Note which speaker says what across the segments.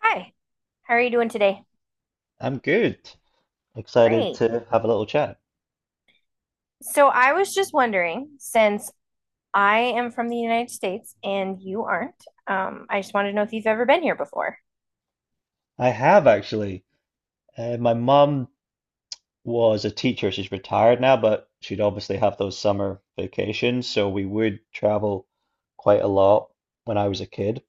Speaker 1: Hi, how are you doing today?
Speaker 2: I'm good. Excited
Speaker 1: Great.
Speaker 2: to have a little chat.
Speaker 1: So I was just wondering, since I am from the United States and you aren't, I just wanted to know if you've ever been here before.
Speaker 2: I have actually. My mum was a teacher. She's retired now, but she'd obviously have those summer vacations. So we would travel quite a lot when I was a kid.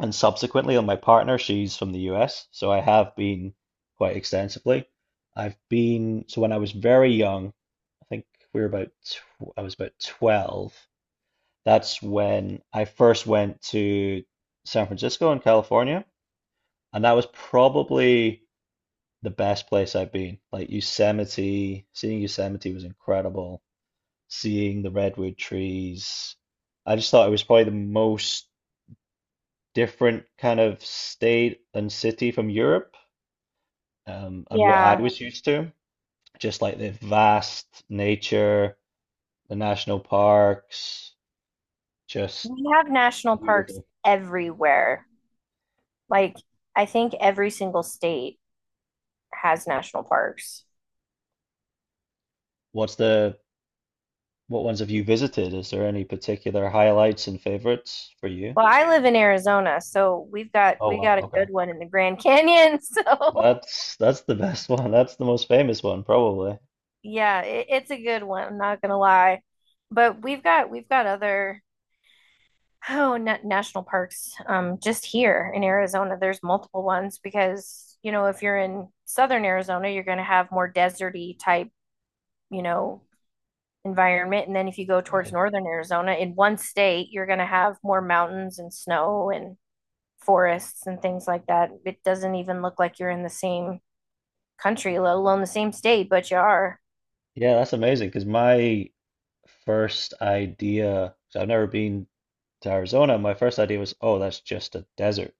Speaker 2: And subsequently, on my partner, she's from the US. So I have been quite extensively. I've been, so when I was very young, I think we were about, tw I was about 12. That's when I first went to San Francisco in California. And that was probably the best place I've been. Like Yosemite, seeing Yosemite was incredible. Seeing the redwood trees. I just thought it was probably the most different kind of state and city from Europe, and what I
Speaker 1: Yeah,
Speaker 2: was used to. Just like the vast nature, the national parks, just
Speaker 1: we have national parks
Speaker 2: beautiful.
Speaker 1: everywhere. Like, I think every single state has national parks.
Speaker 2: What's the what ones have you visited? Is there any particular highlights and favorites for you?
Speaker 1: Well, I live in Arizona, so
Speaker 2: Oh
Speaker 1: we got a good
Speaker 2: wow,
Speaker 1: one in the Grand Canyon. So
Speaker 2: that's the best one. That's the most famous one, probably.
Speaker 1: yeah, it's a good one. I'm not gonna lie, but we've got other. Oh, na national parks. Just here in Arizona, there's multiple ones because, you know, if you're in southern Arizona, you're going to have more deserty type, you know, environment. And then if you go towards
Speaker 2: Right.
Speaker 1: northern Arizona, in one state, you're going to have more mountains and snow and forests and things like that. It doesn't even look like you're in the same country, let alone the same state, but you are.
Speaker 2: Yeah, that's amazing because my first idea, 'cause I've never been to Arizona, my first idea was, oh, that's just a desert,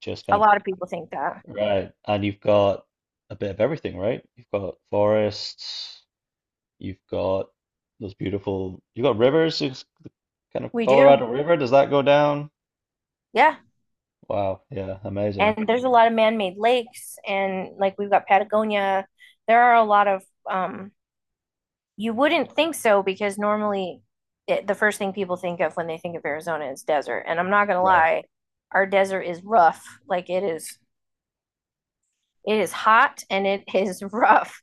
Speaker 2: just
Speaker 1: A
Speaker 2: kind of
Speaker 1: lot of people think that.
Speaker 2: right. And you've got a bit of everything, right? You've got forests, you've got those beautiful, you've got rivers, it's the kind of
Speaker 1: We do.
Speaker 2: Colorado River. Does that go down?
Speaker 1: Yeah.
Speaker 2: Wow, yeah, amazing.
Speaker 1: And there's a lot of man-made lakes and like we've got Patagonia. There are a lot of um, you wouldn't think so because normally the first thing people think of when they think of Arizona is desert. And I'm not gonna
Speaker 2: Right.
Speaker 1: lie, our desert is rough. Like it is hot and it is rough.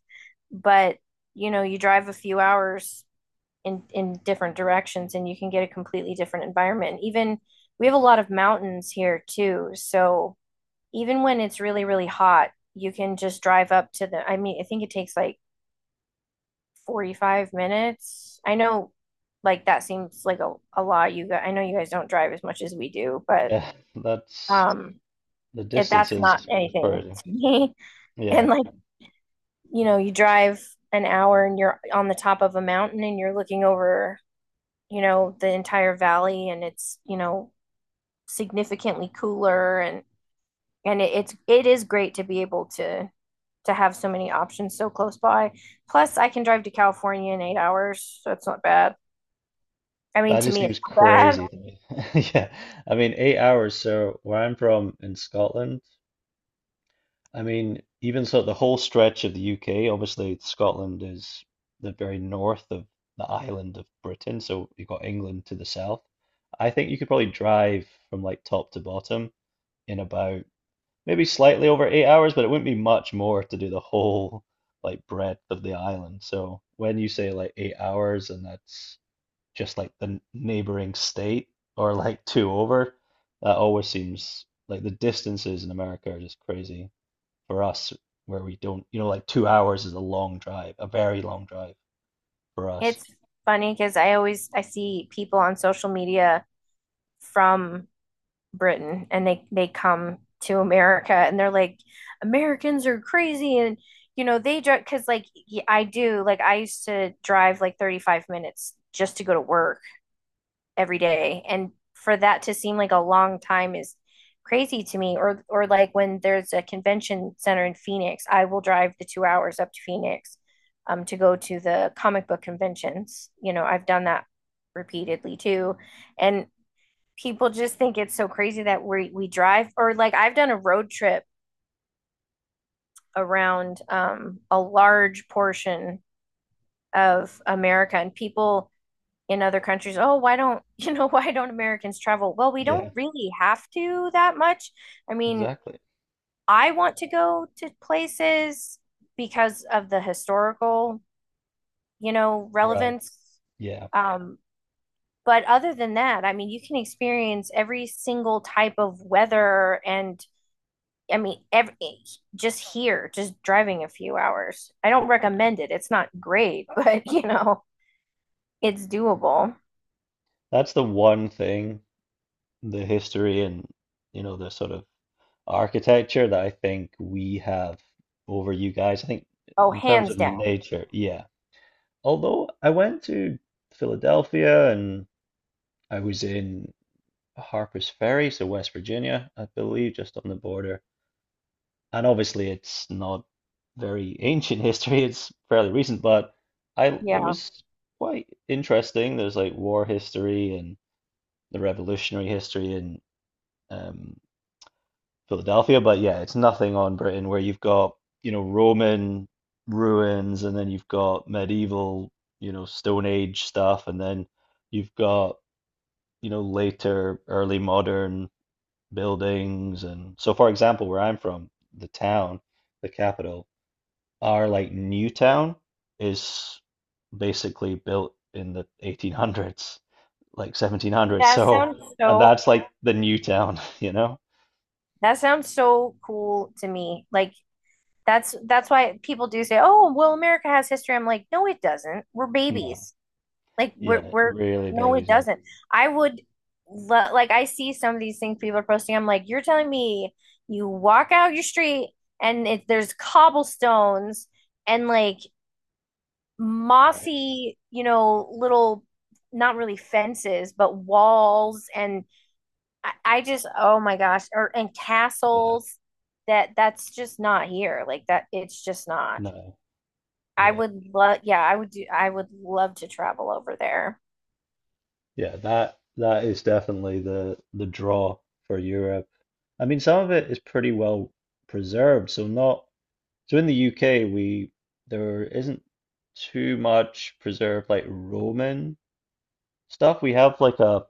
Speaker 1: But you know, you drive a few hours in different directions and you can get a completely different environment. Even we have a lot of mountains here too, so even when it's really, really hot, you can just drive up to I mean, I think it takes like 45 minutes. I know like that seems like a lot. You guys, I know you guys don't drive as much as we do, but
Speaker 2: Yeah, that's
Speaker 1: um
Speaker 2: the distance
Speaker 1: that's not
Speaker 2: is
Speaker 1: anything
Speaker 2: crazy.
Speaker 1: to me. And
Speaker 2: Yeah.
Speaker 1: like, you know, you drive an hour and you're on the top of a mountain and you're looking over, you know, the entire valley and it's, you know, significantly cooler and it is great to be able to have so many options so close by. Plus, I can drive to California in 8 hours, so it's not bad. I mean,
Speaker 2: That
Speaker 1: to
Speaker 2: just
Speaker 1: me, it's
Speaker 2: seems
Speaker 1: not bad.
Speaker 2: crazy to me. Yeah. I mean, 8 hours. So where I'm from in Scotland, I mean, even so, the whole stretch of the UK, obviously Scotland is the very north of the island of Britain. So you've got England to the south. I think you could probably drive from like top to bottom in about maybe slightly over 8 hours, but it wouldn't be much more to do the whole like breadth of the island. So when you say like 8 hours and that's just like the neighboring state or like two over. That always seems like the distances in America are just crazy for us, where we don't, you know, like 2 hours is a long drive, a very long drive for us.
Speaker 1: It's funny because I see people on social media from Britain and they come to America and they're like, Americans are crazy and you know they drive because like I do like I used to drive like 35 minutes just to go to work every day. And for that to seem like a long time is crazy to me. Or like when there's a convention center in Phoenix, I will drive the 2 hours up to Phoenix to go to the comic book conventions. You know, I've done that repeatedly too. And people just think it's so crazy that we drive or like I've done a road trip around a large portion of America and people in other countries, oh, why don't, you know, why don't Americans travel? Well, we don't
Speaker 2: Yeah,
Speaker 1: really have to that much. I mean,
Speaker 2: exactly.
Speaker 1: I want to go to places because of the historical, you know,
Speaker 2: Right.
Speaker 1: relevance.
Speaker 2: Yeah.
Speaker 1: Um, but other than that, I mean, you can experience every single type of weather and I mean, just here, just driving a few hours. I don't recommend it. It's not great, but you know, it's doable.
Speaker 2: That's the one thing, the history and, you know, the sort of architecture that I think we have over you guys. I think
Speaker 1: Oh,
Speaker 2: in terms
Speaker 1: hands
Speaker 2: of
Speaker 1: down.
Speaker 2: nature, yeah. Although I went to Philadelphia and I was in Harpers Ferry, so West Virginia, I believe, just on the border. And obviously, it's not very ancient history; it's fairly recent, but I it
Speaker 1: Yeah.
Speaker 2: was quite interesting. There's like war history and the revolutionary history in um, Philadelphia, but yeah, it's nothing on Britain where you've got, you know, Roman ruins and then you've got medieval, you know, Stone Age stuff, and then you've got, you know, later early modern buildings. And so, for example, where I'm from, the town the capital, our like new town is basically built in the 1800s, like 1700s.
Speaker 1: That
Speaker 2: So
Speaker 1: sounds
Speaker 2: and
Speaker 1: so
Speaker 2: that's like the new town, you know.
Speaker 1: that sounds so cool to me. Like that's why people do say, "Oh, well, America has history." I'm like, "No, it doesn't. We're
Speaker 2: No,
Speaker 1: babies. Like
Speaker 2: yeah,
Speaker 1: we're
Speaker 2: really
Speaker 1: no, it
Speaker 2: babies, yeah.
Speaker 1: doesn't." I would like I see some of these things people are posting. I'm like, "You're telling me you walk out your street and there's cobblestones and like
Speaker 2: Right,
Speaker 1: mossy, you know, little not really fences, but walls and I just, oh my gosh, or and
Speaker 2: yeah.
Speaker 1: castles that that's just not here. Like that, it's just not.
Speaker 2: No,
Speaker 1: I
Speaker 2: yeah,
Speaker 1: would love, yeah, I would do, I would love to travel over there.
Speaker 2: yeah, that that is definitely the draw for Europe. I mean, some of it is pretty well preserved, so not. So in the UK, we there isn't too much preserved like Roman stuff. We have like a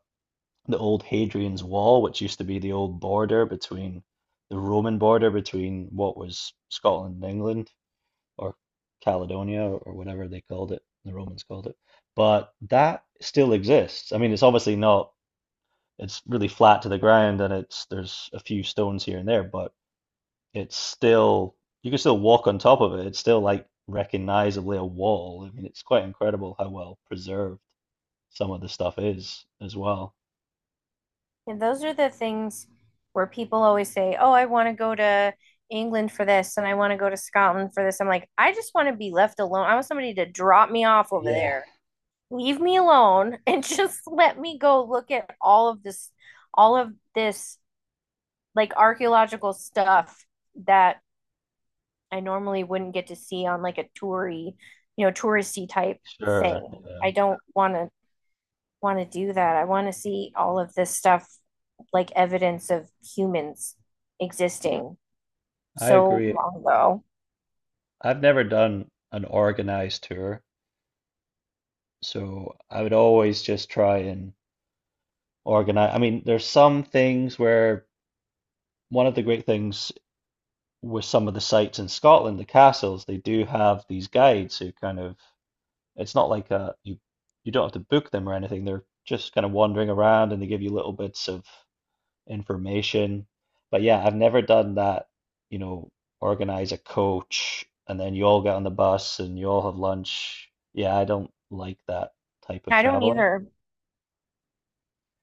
Speaker 2: the old Hadrian's Wall, which used to be the old border between the Roman border between what was Scotland and England, or Caledonia or whatever they called it, the Romans called it. But that still exists. I mean, it's obviously not, it's really flat to the ground and it's there's a few stones here and there, but it's still you can still walk on top of it. It's still like recognizably a wall. I mean, it's quite incredible how well preserved some of the stuff is as well.
Speaker 1: And those are the things where people always say, "Oh, I want to go to England for this, and I want to go to Scotland for this." I'm like, I just want to be left alone. I want somebody to drop me off over
Speaker 2: Yeah.
Speaker 1: there, leave me alone, and just let me go look at all of this like archaeological stuff that I normally wouldn't get to see on like you know, touristy type
Speaker 2: Sure.
Speaker 1: thing.
Speaker 2: Yeah.
Speaker 1: I don't want to do that. I want to see all of this stuff like evidence of humans
Speaker 2: Yeah.
Speaker 1: existing
Speaker 2: I
Speaker 1: so
Speaker 2: agree.
Speaker 1: long ago.
Speaker 2: I've never done an organized tour, so I would always just try and organize. I mean, there's some things where one of the great things with some of the sites in Scotland, the castles, they do have these guides who kind of. It's not like you you don't have to book them or anything. They're just kind of wandering around and they give you little bits of information. But yeah, I've never done that, you know, organize a coach and then you all get on the bus and you all have lunch. Yeah, I don't like that type of
Speaker 1: I don't
Speaker 2: traveling.
Speaker 1: either.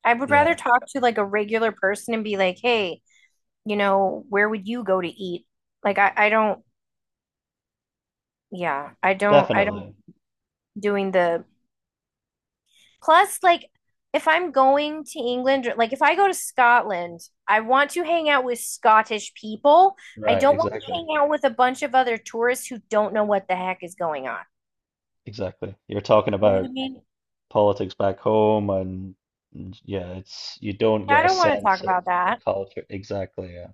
Speaker 1: I would
Speaker 2: Yeah,
Speaker 1: rather talk to like a regular person and be like, "Hey, you know, where would you go to eat?" Like I don't yeah, I don't
Speaker 2: definitely.
Speaker 1: doing the Plus, like, if I'm going to England, or, like, if I go to Scotland, I want to hang out with Scottish people. I
Speaker 2: Right,
Speaker 1: don't want to
Speaker 2: exactly.
Speaker 1: hang out with a bunch of other tourists who don't know what the heck is going on.
Speaker 2: Exactly. You're talking
Speaker 1: You know what I
Speaker 2: about
Speaker 1: mean?
Speaker 2: politics back home and yeah, it's you don't
Speaker 1: I
Speaker 2: get a
Speaker 1: don't want to talk
Speaker 2: sense of
Speaker 1: about
Speaker 2: the
Speaker 1: that.
Speaker 2: culture. Exactly, yeah.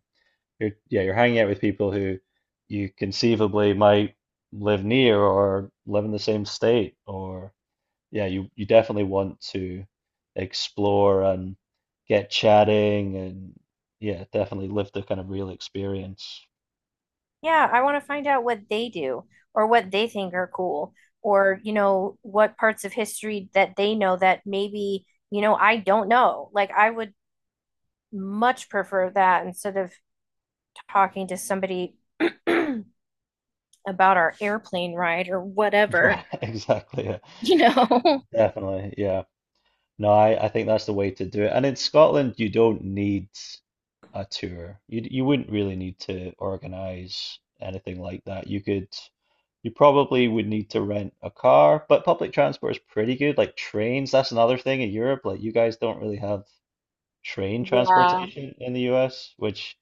Speaker 2: You're yeah, you're hanging out with people who you conceivably might live near or live in the same state or yeah, you definitely want to explore and get chatting and yeah, definitely live the kind of real experience.
Speaker 1: Yeah, I want to find out what they do or what they think are cool or, you know, what parts of history that they know that maybe, you know, I don't know. Like, I would much prefer that instead of talking to somebody about our airplane ride or whatever,
Speaker 2: Right, exactly. Yeah,
Speaker 1: you know.
Speaker 2: definitely. Yeah. No, I think that's the way to do it. And in Scotland, you don't need a tour. You you wouldn't really need to organize anything like that. You could. You probably would need to rent a car, but public transport is pretty good. Like trains, that's another thing in Europe. Like you guys don't really have train transportation in the US, which,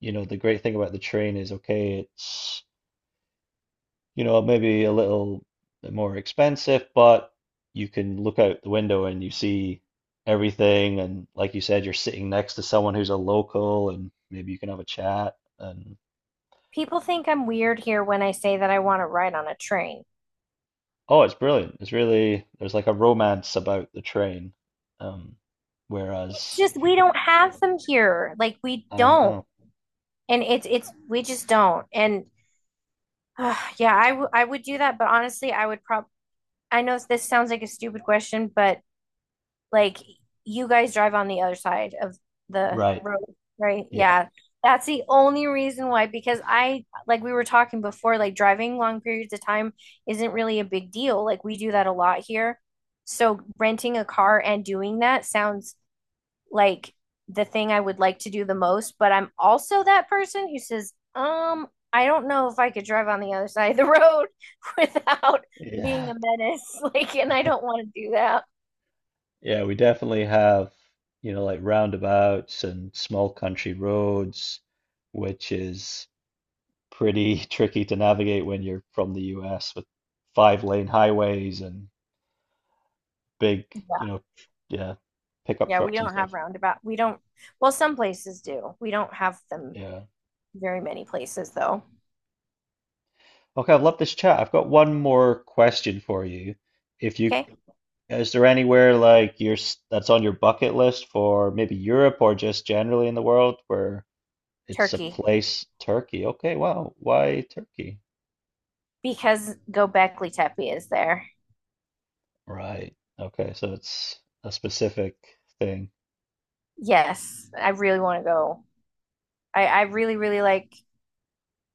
Speaker 2: you know, the great thing about the train is okay, it's, you know, maybe a little bit more expensive, but you can look out the window and you see everything. And like you said, you're sitting next to someone who's a local and maybe you can have a chat. And
Speaker 1: People think I'm weird here when I say that I want to ride on a train.
Speaker 2: oh, it's brilliant. It's really there's like a romance about the train. Um,
Speaker 1: It's
Speaker 2: Whereas
Speaker 1: just
Speaker 2: if you,
Speaker 1: we don't
Speaker 2: yeah,
Speaker 1: have them here. Like we
Speaker 2: I
Speaker 1: don't.
Speaker 2: know,
Speaker 1: And it's we just don't. And yeah, I would do that, but honestly, I would probably I know this sounds like a stupid question, but Like you guys drive on the other side of the
Speaker 2: right?
Speaker 1: road, right?
Speaker 2: Yeah,
Speaker 1: Yeah. That's the only reason why, because like we were talking before, like driving long periods of time isn't really a big deal. Like we do that a lot here. So renting a car and doing that sounds like the thing I would like to do the most, but I'm also that person who says, I don't know if I could drive on the other side of the road without being
Speaker 2: yeah,
Speaker 1: a menace. Like, and I don't want to do that.
Speaker 2: yeah. We definitely have you know like roundabouts and small country roads, which is pretty tricky to navigate when you're from the US with five-lane highways and big you know yeah pickup
Speaker 1: Yeah, we
Speaker 2: trucks and
Speaker 1: don't
Speaker 2: stuff.
Speaker 1: have roundabout. We don't, well, some places do. We don't have them
Speaker 2: Yeah.
Speaker 1: very many places though.
Speaker 2: Okay, I've loved this chat. I've got one more question for you if you.
Speaker 1: Okay.
Speaker 2: Yeah, is there anywhere like your that's on your bucket list for maybe Europe or just generally in the world where it's a
Speaker 1: Turkey,
Speaker 2: place, Turkey? Okay, wow. Why Turkey?
Speaker 1: because Göbekli Tepe is there.
Speaker 2: Right. Okay, so it's a specific thing.
Speaker 1: Yes, I really want to go. I really, really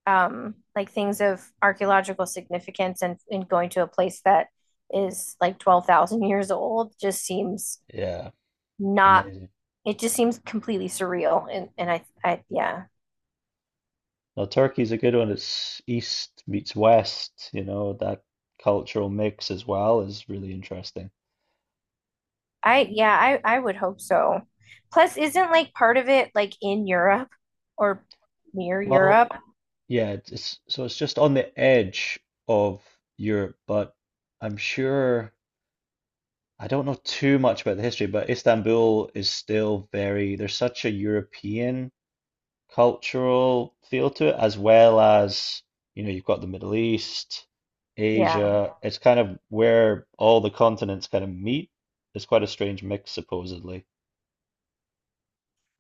Speaker 1: like things of archaeological significance and going to a place that is like 12,000 years old just seems
Speaker 2: Yeah,
Speaker 1: not,
Speaker 2: amazing.
Speaker 1: it just seems completely surreal. And yeah,
Speaker 2: Now Turkey's a good one. It's east meets west, you know, that cultural mix as well is really interesting.
Speaker 1: I yeah, I would hope so. Plus, isn't like part of it like in Europe or near
Speaker 2: Well,
Speaker 1: Europe?
Speaker 2: yeah, it's- so it's just on the edge of Europe, but I'm sure I don't know too much about the history, but Istanbul is still very, there's such a European cultural feel to it, as well as, you know, you've got the Middle East,
Speaker 1: Yeah.
Speaker 2: Asia. It's kind of where all the continents kind of meet. It's quite a strange mix, supposedly.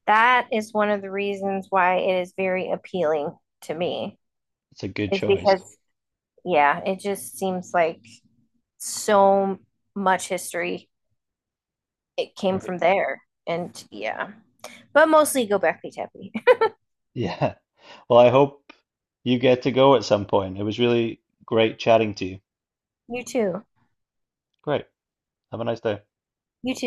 Speaker 1: That is one of the reasons why it is very appealing to me
Speaker 2: It's a good
Speaker 1: is
Speaker 2: choice.
Speaker 1: because yeah, it just seems like so much history it came
Speaker 2: Right?
Speaker 1: from there. And yeah. But mostly Gobekli Tepe.
Speaker 2: Yeah. Well, I hope you get to go at some point. It was really great chatting to you.
Speaker 1: You too.
Speaker 2: Great. Have a nice day.
Speaker 1: You too.